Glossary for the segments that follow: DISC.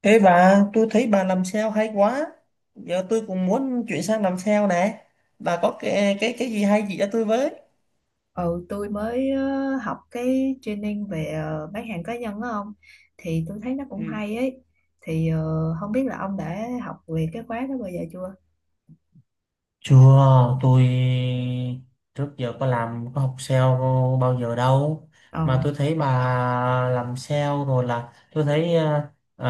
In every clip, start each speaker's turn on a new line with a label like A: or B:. A: Ê bà, tôi thấy bà làm sale hay quá. Giờ tôi cũng muốn chuyển sang làm sale nè. Bà có cái gì hay chỉ cho tôi với.
B: Ừ, tôi mới học cái training về bán hàng cá nhân đó ông, thì tôi thấy nó
A: Ừ.
B: cũng hay ấy. Thì không biết là ông đã học về cái khóa đó bao giờ chưa?
A: Chưa, tôi trước giờ có làm có học sale bao giờ đâu
B: Ờ.
A: mà tôi thấy bà làm sale rồi là tôi thấy à,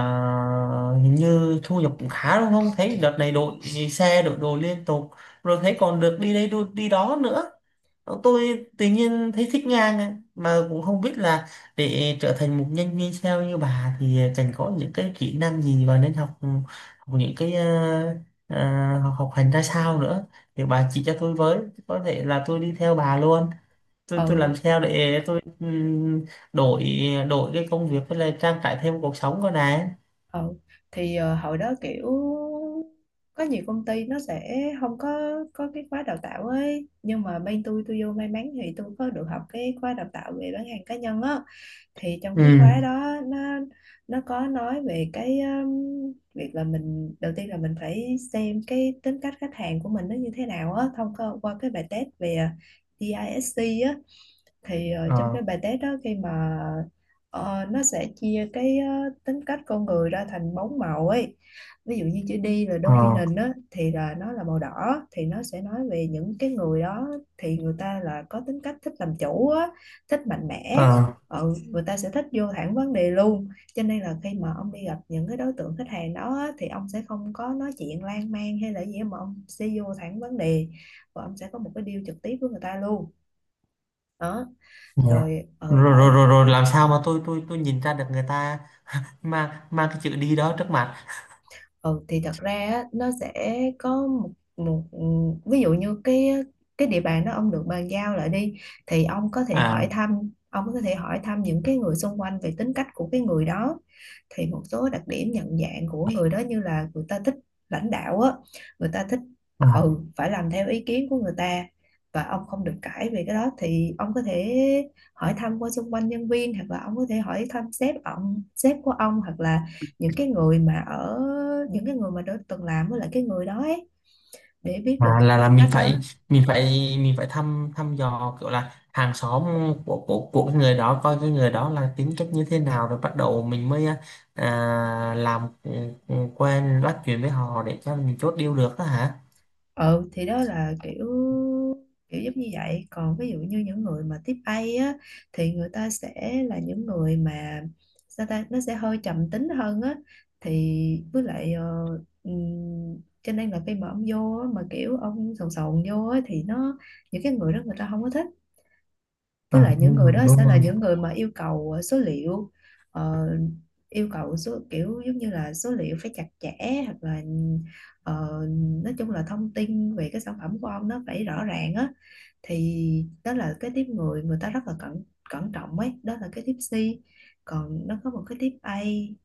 A: hình như thu nhập cũng khá đúng không? Thấy đợt này đội xe đội đồ liên tục rồi thấy còn được đi đó nữa. Tôi tự nhiên thấy thích Nga này, mà cũng không biết là để trở thành một nhân viên sale như bà thì cần có những cái kỹ năng gì và nên học, học những cái học học hành ra sao nữa thì bà chỉ cho tôi với, có thể là tôi đi theo bà luôn. Tôi
B: Ừ.
A: làm sale để tôi đổi đổi cái công việc với lại trang trải thêm cuộc sống của này.
B: Ừ. Thì hồi đó kiểu có nhiều công ty nó sẽ không có cái khóa đào tạo ấy, nhưng mà bên tôi vô may mắn thì tôi có được học cái khóa đào tạo về bán hàng cá nhân á. Thì trong
A: ừ
B: cái khóa đó nó có nói về cái việc là mình, đầu tiên là mình phải xem cái tính cách khách hàng của mình nó như thế nào á, thông qua qua cái bài test về DISC. Thì trong
A: ờ
B: cái bài test đó, khi mà nó sẽ chia cái tính cách con người ra thành bốn màu ấy. Ví dụ như chữ D là
A: ờ
B: dominant á thì là nó là màu đỏ, thì nó sẽ nói về những cái người đó. Thì người ta là có tính cách thích làm chủ á, thích mạnh mẽ,
A: ờ
B: ừ, người ta sẽ thích vô thẳng vấn đề luôn. Cho nên là khi mà ông đi gặp những cái đối tượng khách hàng đó á, thì ông sẽ không có nói chuyện lan man hay là gì, mà ông sẽ vô thẳng vấn đề và ông sẽ có một cái deal trực tiếp với người ta luôn. Đó,
A: ờ.
B: rồi, ừ,
A: Rồi,
B: đó.
A: rồi rồi rồi làm sao mà tôi nhìn ra được người ta mà cái chữ đi đó trước mặt.
B: Ừ thì thật ra á, nó sẽ có một một ví dụ như cái địa bàn đó ông được bàn giao lại đi, thì ông có thể
A: à,
B: hỏi thăm, những cái người xung quanh về tính cách của cái người đó. Thì một số đặc điểm nhận dạng của người đó như là người ta thích lãnh đạo á, người ta thích,
A: à,
B: ừ, phải làm theo ý kiến của người ta và ông không được cãi về cái đó. Thì ông có thể hỏi thăm qua xung quanh nhân viên, hoặc là ông có thể hỏi thăm sếp, sếp của ông, hoặc là những cái người mà ở, những cái người mà đã từng làm với lại cái người đó ấy, để biết được
A: là
B: tính cách đó.
A: mình phải mình phải thăm thăm dò kiểu là hàng xóm của cái người đó coi cái người đó là tính cách như thế nào, rồi bắt đầu mình mới làm, quen bắt chuyện với họ để cho mình chốt deal được đó hả?
B: Ừ thì đó là kiểu, kiểu giống như vậy. Còn ví dụ như những người mà tiếp A á, thì người ta sẽ là những người mà, sao ta, nó sẽ hơi trầm tính hơn á. Thì với lại cho nên là khi mà ông vô á, mà kiểu ông sồn sồn vô á, thì nó, những cái người đó người ta không có thích. Với
A: Ờ,
B: lại những
A: đúng
B: người
A: rồi,
B: đó
A: đúng
B: sẽ là
A: rồi.
B: những người mà yêu cầu số liệu, ờ, yêu cầu số, kiểu giống như là số liệu phải chặt chẽ, hoặc là ờ, nói chung là thông tin về cái sản phẩm của ông nó phải rõ ràng á. Thì đó là cái tiếp người, người ta rất là cẩn cẩn trọng ấy, đó là cái tiếp C. Còn nó có một cái tiếp A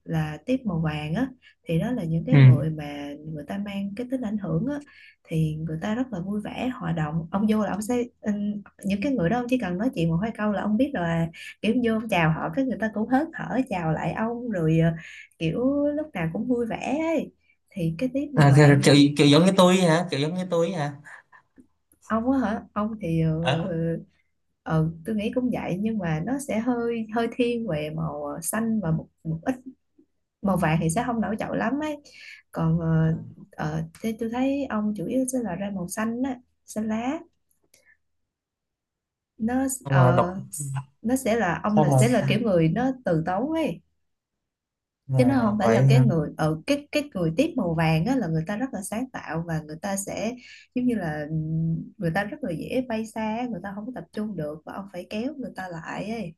B: là tiếp màu vàng á, thì đó là những cái
A: ừ
B: người mà người ta mang cái tính ảnh hưởng á. Thì người ta rất là vui vẻ hòa đồng, ông vô là ông sẽ, những cái người đó ông chỉ cần nói chuyện một hai câu là ông biết là, kiểu vô ông chào họ cái người ta cũng hớn hở chào lại ông, rồi kiểu lúc nào cũng vui vẻ ấy, thì cái tiếp màu
A: À, kiểu, kiểu
B: vàng.
A: kiểu giống như tôi ấy hả, kiểu giống như tôi ấy hả?
B: Ông á hả? Ông thì
A: Ờ.
B: ờ, tôi nghĩ cũng vậy, nhưng mà nó sẽ hơi hơi thiên về màu xanh, và một một ít màu vàng thì sẽ không nổi trội lắm ấy. Còn
A: Ờ,
B: thế tôi thấy ông chủ yếu sẽ là ra màu xanh á, xanh lá. Nó
A: mà đọc
B: nó sẽ là ông
A: xong
B: là
A: mà
B: sẽ là kiểu người nó từ tốn ấy, chứ nó
A: là
B: không phải
A: vậy
B: là cái
A: hả?
B: người ở cái người tiếp màu vàng á là người ta rất là sáng tạo và người ta sẽ giống như là, người ta rất là dễ bay xa, người ta không có tập trung được và ông phải kéo người ta lại ấy.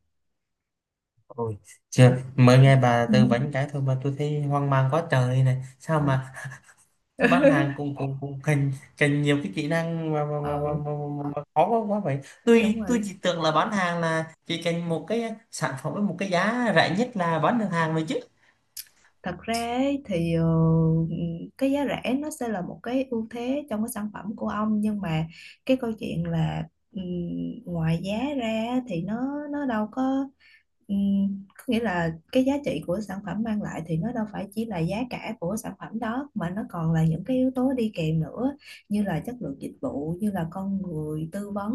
A: Ôi, chưa, mới nghe bà
B: Ừ.
A: tư vấn cái thôi mà tôi thấy hoang mang quá trời này. Sao
B: Ừ.
A: mà bán hàng cũng cũng cũng cần cần nhiều cái kỹ năng mà mà mà, mà,
B: Ừ,
A: mà, mà mà khó quá quá vậy.
B: đúng
A: Tôi
B: rồi.
A: chỉ tưởng là bán hàng là chỉ cần một cái sản phẩm với một cái giá rẻ nhất là bán được hàng rồi chứ.
B: Thật ra ấy, thì cái giá rẻ nó sẽ là một cái ưu thế trong cái sản phẩm của ông, nhưng mà cái câu chuyện là, ừm, ngoài giá ra thì nó đâu có, có nghĩa là cái giá trị của sản phẩm mang lại thì nó đâu phải chỉ là giá cả của sản phẩm đó, mà nó còn là những cái yếu tố đi kèm nữa, như là chất lượng dịch vụ, như là con người tư vấn,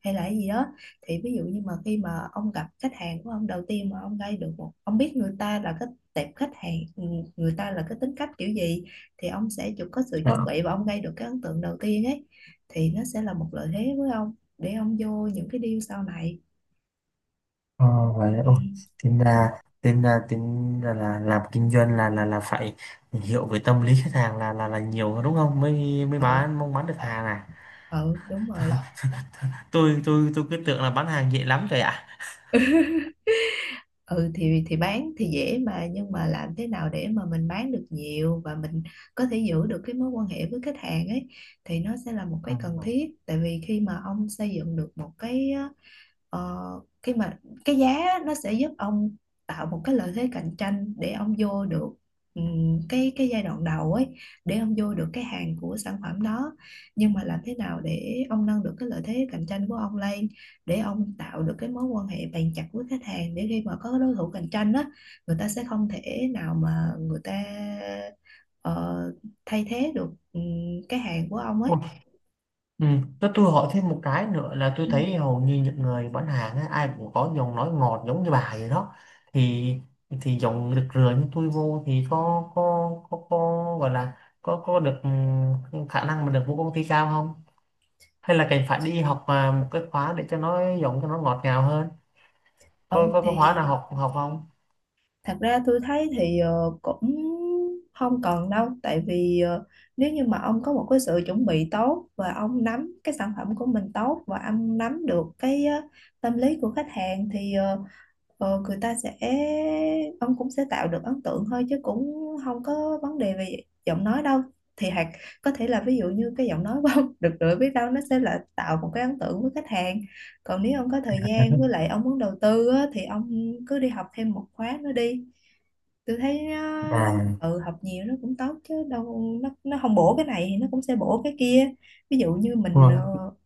B: hay là cái gì đó. Thì ví dụ như mà khi mà ông gặp khách hàng của ông đầu tiên, mà ông gây được một, ông biết người ta là cái tệp khách hàng, ừ, người ta là cái tính cách kiểu gì, thì ông sẽ chụp có sự chuẩn
A: Đó.
B: bị và ông gây được cái ấn tượng đầu tiên ấy, thì nó sẽ là một lợi thế với ông để ông vô những cái deal sau này.
A: Ờ, vậy đó.
B: Ừ.
A: Ôi, tính ra tính ra tính ra là làm kinh doanh là phải hiểu về tâm lý khách hàng là nhiều đúng không? Mới mới
B: Ừ.
A: bán mong bán được hàng à.
B: Ừ, đúng rồi.
A: Tôi cứ tưởng là bán hàng dễ lắm rồi ạ.
B: Ừ thì bán thì dễ mà, nhưng mà làm thế nào để mà mình bán được nhiều và mình có thể giữ được cái mối quan hệ với khách hàng ấy, thì nó sẽ là một cái cần
A: À.
B: thiết. Tại vì khi mà ông xây dựng được một cái, ờ, khi mà cái giá á, nó sẽ giúp ông tạo một cái lợi thế cạnh tranh để ông vô được, cái giai đoạn đầu ấy, để ông vô được cái hàng của sản phẩm đó. Nhưng mà làm thế nào để ông nâng được cái lợi thế cạnh tranh của ông lên, để ông tạo được cái mối quan hệ bền chặt với khách hàng, để khi mà có đối thủ cạnh tranh á, người ta sẽ không thể nào mà người ta ờ, thay thế được, ừ, cái hàng của ông ấy.
A: Ủa, ừ. Tôi hỏi thêm một cái nữa là tôi
B: Ừ.
A: thấy hầu như những người bán hàng á, ai cũng có giọng nói ngọt giống như bà vậy đó. Thì thì giọng được rửa như tôi vô thì có gọi là có được khả năng mà được vô công ty cao không, hay là cần phải đi học một cái khóa để cho nó giọng cho nó ngọt ngào hơn,
B: Ừ
A: có
B: thì.
A: khóa nào học học không
B: Thật ra tôi thấy thì cũng không cần đâu, tại vì nếu như mà ông có một cái sự chuẩn bị tốt, và ông nắm cái sản phẩm của mình tốt, và ông nắm được cái tâm lý của khách hàng, thì người ta sẽ, ông cũng sẽ tạo được ấn tượng thôi, chứ cũng không có vấn đề về giọng nói đâu. Thì hoặc có thể là, ví dụ như cái giọng nói của ông được rồi, biết đâu nó sẽ là tạo một cái ấn tượng với khách hàng. Còn nếu ông có thời gian với lại ông muốn đầu tư á, thì ông cứ đi học thêm một khóa nữa đi, tôi thấy nó,
A: à?
B: ừ, học nhiều nó cũng tốt chứ đâu, nó không bổ cái này thì nó cũng sẽ bổ cái kia. Ví dụ như mình
A: Ủa.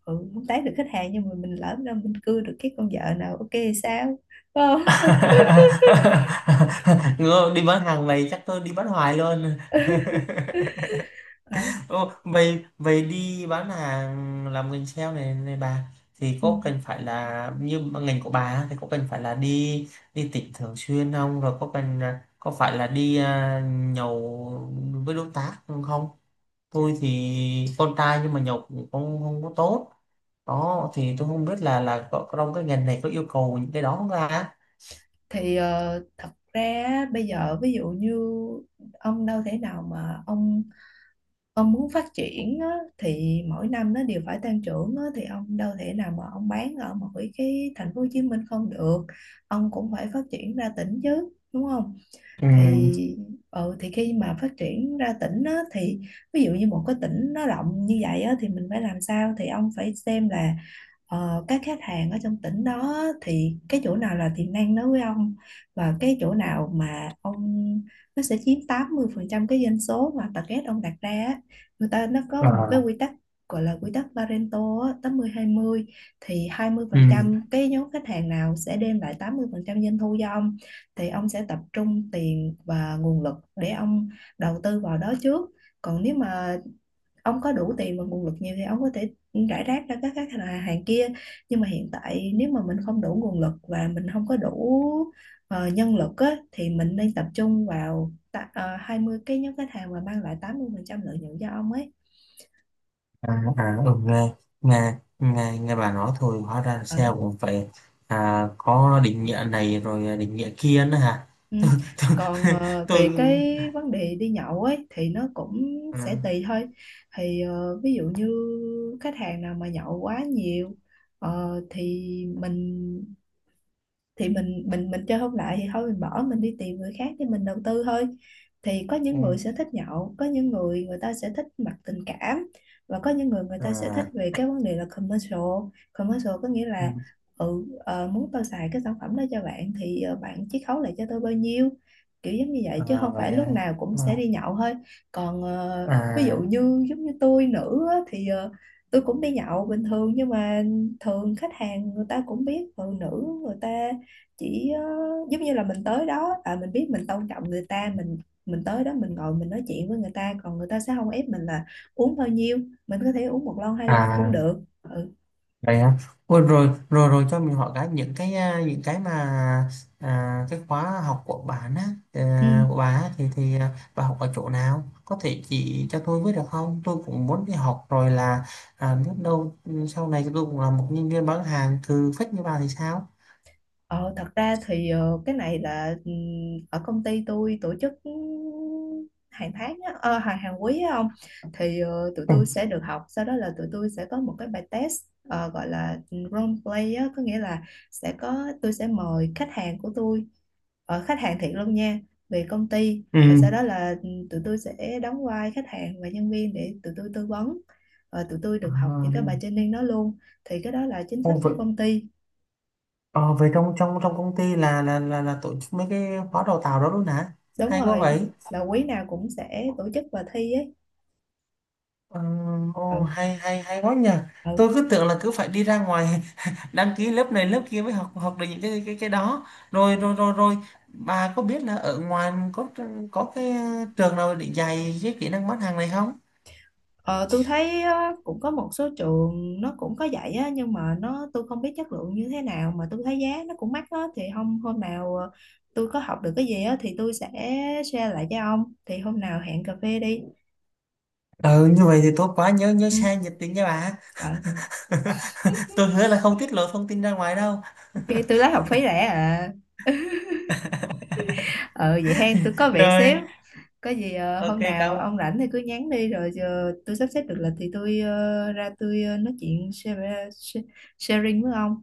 B: ừ, không tán được khách hàng, nhưng mà mình lỡ đâu mình cưa được cái con vợ nào ok thì sao. Đúng không?
A: Ngơ, đi bán hàng này chắc tôi đi bán hoài luôn.
B: Ờ.
A: Ồ, vậy vậy đi bán hàng làm ngành sale này này bà, thì
B: Ừ.
A: có cần phải là như ngành của bà á, thì có cần phải là đi đi tỉnh thường xuyên không, rồi có cần có phải là đi nhậu với đối tác không? Tôi thì con trai nhưng mà nhậu cũng không không có tốt đó, thì tôi không biết là có trong cái ngành này có yêu cầu những cái đó không ra.
B: Thì thật ra á, bây giờ ví dụ như ông đâu thể nào mà ông muốn phát triển á, thì mỗi năm nó đều phải tăng trưởng á, thì ông đâu thể nào mà ông bán ở mỗi cái thành phố Hồ Chí Minh không được, ông cũng phải phát triển ra tỉnh chứ, đúng không?
A: ừ,
B: Thì, ừ, thì khi mà phát triển ra tỉnh á, thì ví dụ như một cái tỉnh nó rộng như vậy á, thì mình phải làm sao, thì ông phải xem là các khách hàng ở trong tỉnh đó á, thì cái chỗ nào là tiềm năng đối với ông, và cái chỗ nào mà ông, nó sẽ chiếm 80% cái doanh số mà target ông đặt ra á. Người ta nó có một cái
A: à,
B: quy tắc gọi là quy tắc Pareto á, 80-20. Thì hai mươi phần
A: ừ.
B: trăm cái nhóm khách hàng nào sẽ đem lại 80% doanh thu cho ông, thì ông sẽ tập trung tiền và nguồn lực để ông đầu tư vào đó trước. Còn nếu mà ông có đủ tiền và nguồn lực nhiều, thì ông có thể rải rác ra các khách hàng hàng kia. Nhưng mà hiện tại nếu mà mình không đủ nguồn lực và mình không có đủ nhân lực á, thì mình nên tập trung vào ta, 20 cái nhóm khách hàng mà mang lại 80% lợi nhuận cho ông ấy.
A: À, à ừ, nghe, nghe bà nói thôi hóa ra
B: Ừ.
A: SEO cũng phải có định nghĩa này rồi định nghĩa kia nữa hả?
B: Ừ. Còn về cái
A: Tôi
B: vấn đề đi nhậu ấy, thì nó cũng
A: à,
B: sẽ tùy thôi. Thì ví dụ như khách hàng nào mà nhậu quá nhiều, thì mình, thì mình mình chơi không lại thì thôi, mình bỏ, mình đi tìm người khác để mình đầu tư thôi. Thì có những người
A: ừ,
B: sẽ thích nhậu, có những người người ta sẽ thích mặt tình cảm, và có những người người ta sẽ thích
A: à,
B: về cái vấn đề là commercial. Commercial có nghĩa
A: ừ,
B: là, ừ, muốn tôi xài cái sản phẩm đó cho bạn thì bạn chiết khấu lại cho tôi bao nhiêu, kiểu giống như vậy, chứ
A: à,
B: không
A: vậy
B: phải lúc
A: à,
B: nào cũng sẽ đi nhậu thôi. Còn ví dụ
A: à,
B: như giống như tôi nữ á, thì tôi cũng đi nhậu bình thường, nhưng mà thường khách hàng người ta cũng biết phụ nữ, người ta chỉ giống như là mình tới đó, à, mình biết mình tôn trọng người ta, mình tới đó mình ngồi mình nói chuyện với người ta, còn người ta sẽ không ép mình là uống bao nhiêu, mình có thể uống một lon hai lon cũng
A: à,
B: được, ừ.
A: vậy hả? Ôi, rồi rồi rồi cho mình hỏi cái những cái những cái mà cái khóa học của bạn á,
B: Ừ.
A: của bà á, bà học ở chỗ nào, có thể chỉ cho tôi với được không? Tôi cũng muốn đi học rồi là biết đâu sau này tôi cũng là một nhân viên bán hàng cừ phách như bà thì sao.
B: Ờ, thật ra thì cái này là, ở công ty tôi tổ chức, hàng tháng á, hàng hàng quý á ông, thì tụi
A: Ừ.
B: tôi sẽ được học, sau đó là tụi tôi sẽ có một cái bài test gọi là role play á, có nghĩa là sẽ có, tôi sẽ mời khách hàng của tôi, khách hàng thiệt luôn nha, về công ty,
A: Ừ.
B: và sau đó là tụi tôi sẽ đóng vai khách hàng và nhân viên để tụi tôi tư vấn. Ờ, tụi tôi được học
A: À,
B: những cái bài training đó luôn, thì cái đó là chính sách
A: ô, vậy,
B: của công ty.
A: ờ, vậy trong trong trong công ty là tổ chức mấy cái khóa đào tạo đó luôn hả?
B: Đúng
A: Hay quá
B: rồi,
A: vậy.
B: là quý nào cũng sẽ tổ chức và thi ấy.
A: Ờ,
B: Ừ.
A: ồ, hay hay hay quá nhờ.
B: Ừ.
A: Tôi cứ tưởng là cứ phải đi ra ngoài đăng ký lớp này lớp kia mới học học được những cái đó. Rồi rồi rồi rồi Bà có biết là ở ngoài có cái trường nào để dạy cái kỹ năng bán hàng này không?
B: Ờ, tôi thấy á, cũng có một số trường nó cũng có dạy á, nhưng mà nó, tôi không biết chất lượng như thế nào, mà tôi thấy giá nó cũng mắc á. Thì hôm hôm nào tôi có học được cái gì á, thì tôi sẽ share lại cho ông. Thì hôm nào hẹn cà phê đi.
A: Ừ, như vậy thì tốt quá, nhớ nhớ
B: Ừ.
A: xe nhiệt tình nha bà.
B: ờ,
A: Tôi hứa là không tiết lộ thông tin ra ngoài đâu.
B: ok, tôi lấy học phí rẻ à. Ờ, vậy hen, tôi có việc xíu.
A: Rồi,
B: Có gì
A: ok,
B: hôm nào
A: cảm,
B: ông rảnh thì cứ nhắn đi, rồi giờ tôi sắp xếp được lịch thì tôi ra tôi nói chuyện share, sharing với ông.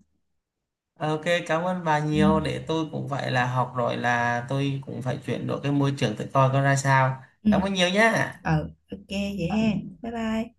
A: ok, cảm ơn bà nhiều,
B: Ừ.
A: để tôi cũng phải là học rồi là tôi cũng phải chuyển đổi cái môi trường tự coi coi ra sao.
B: Ừ.
A: Cảm ơn nhiều nhá.
B: Ừ. Ok vậy ha. Bye bye.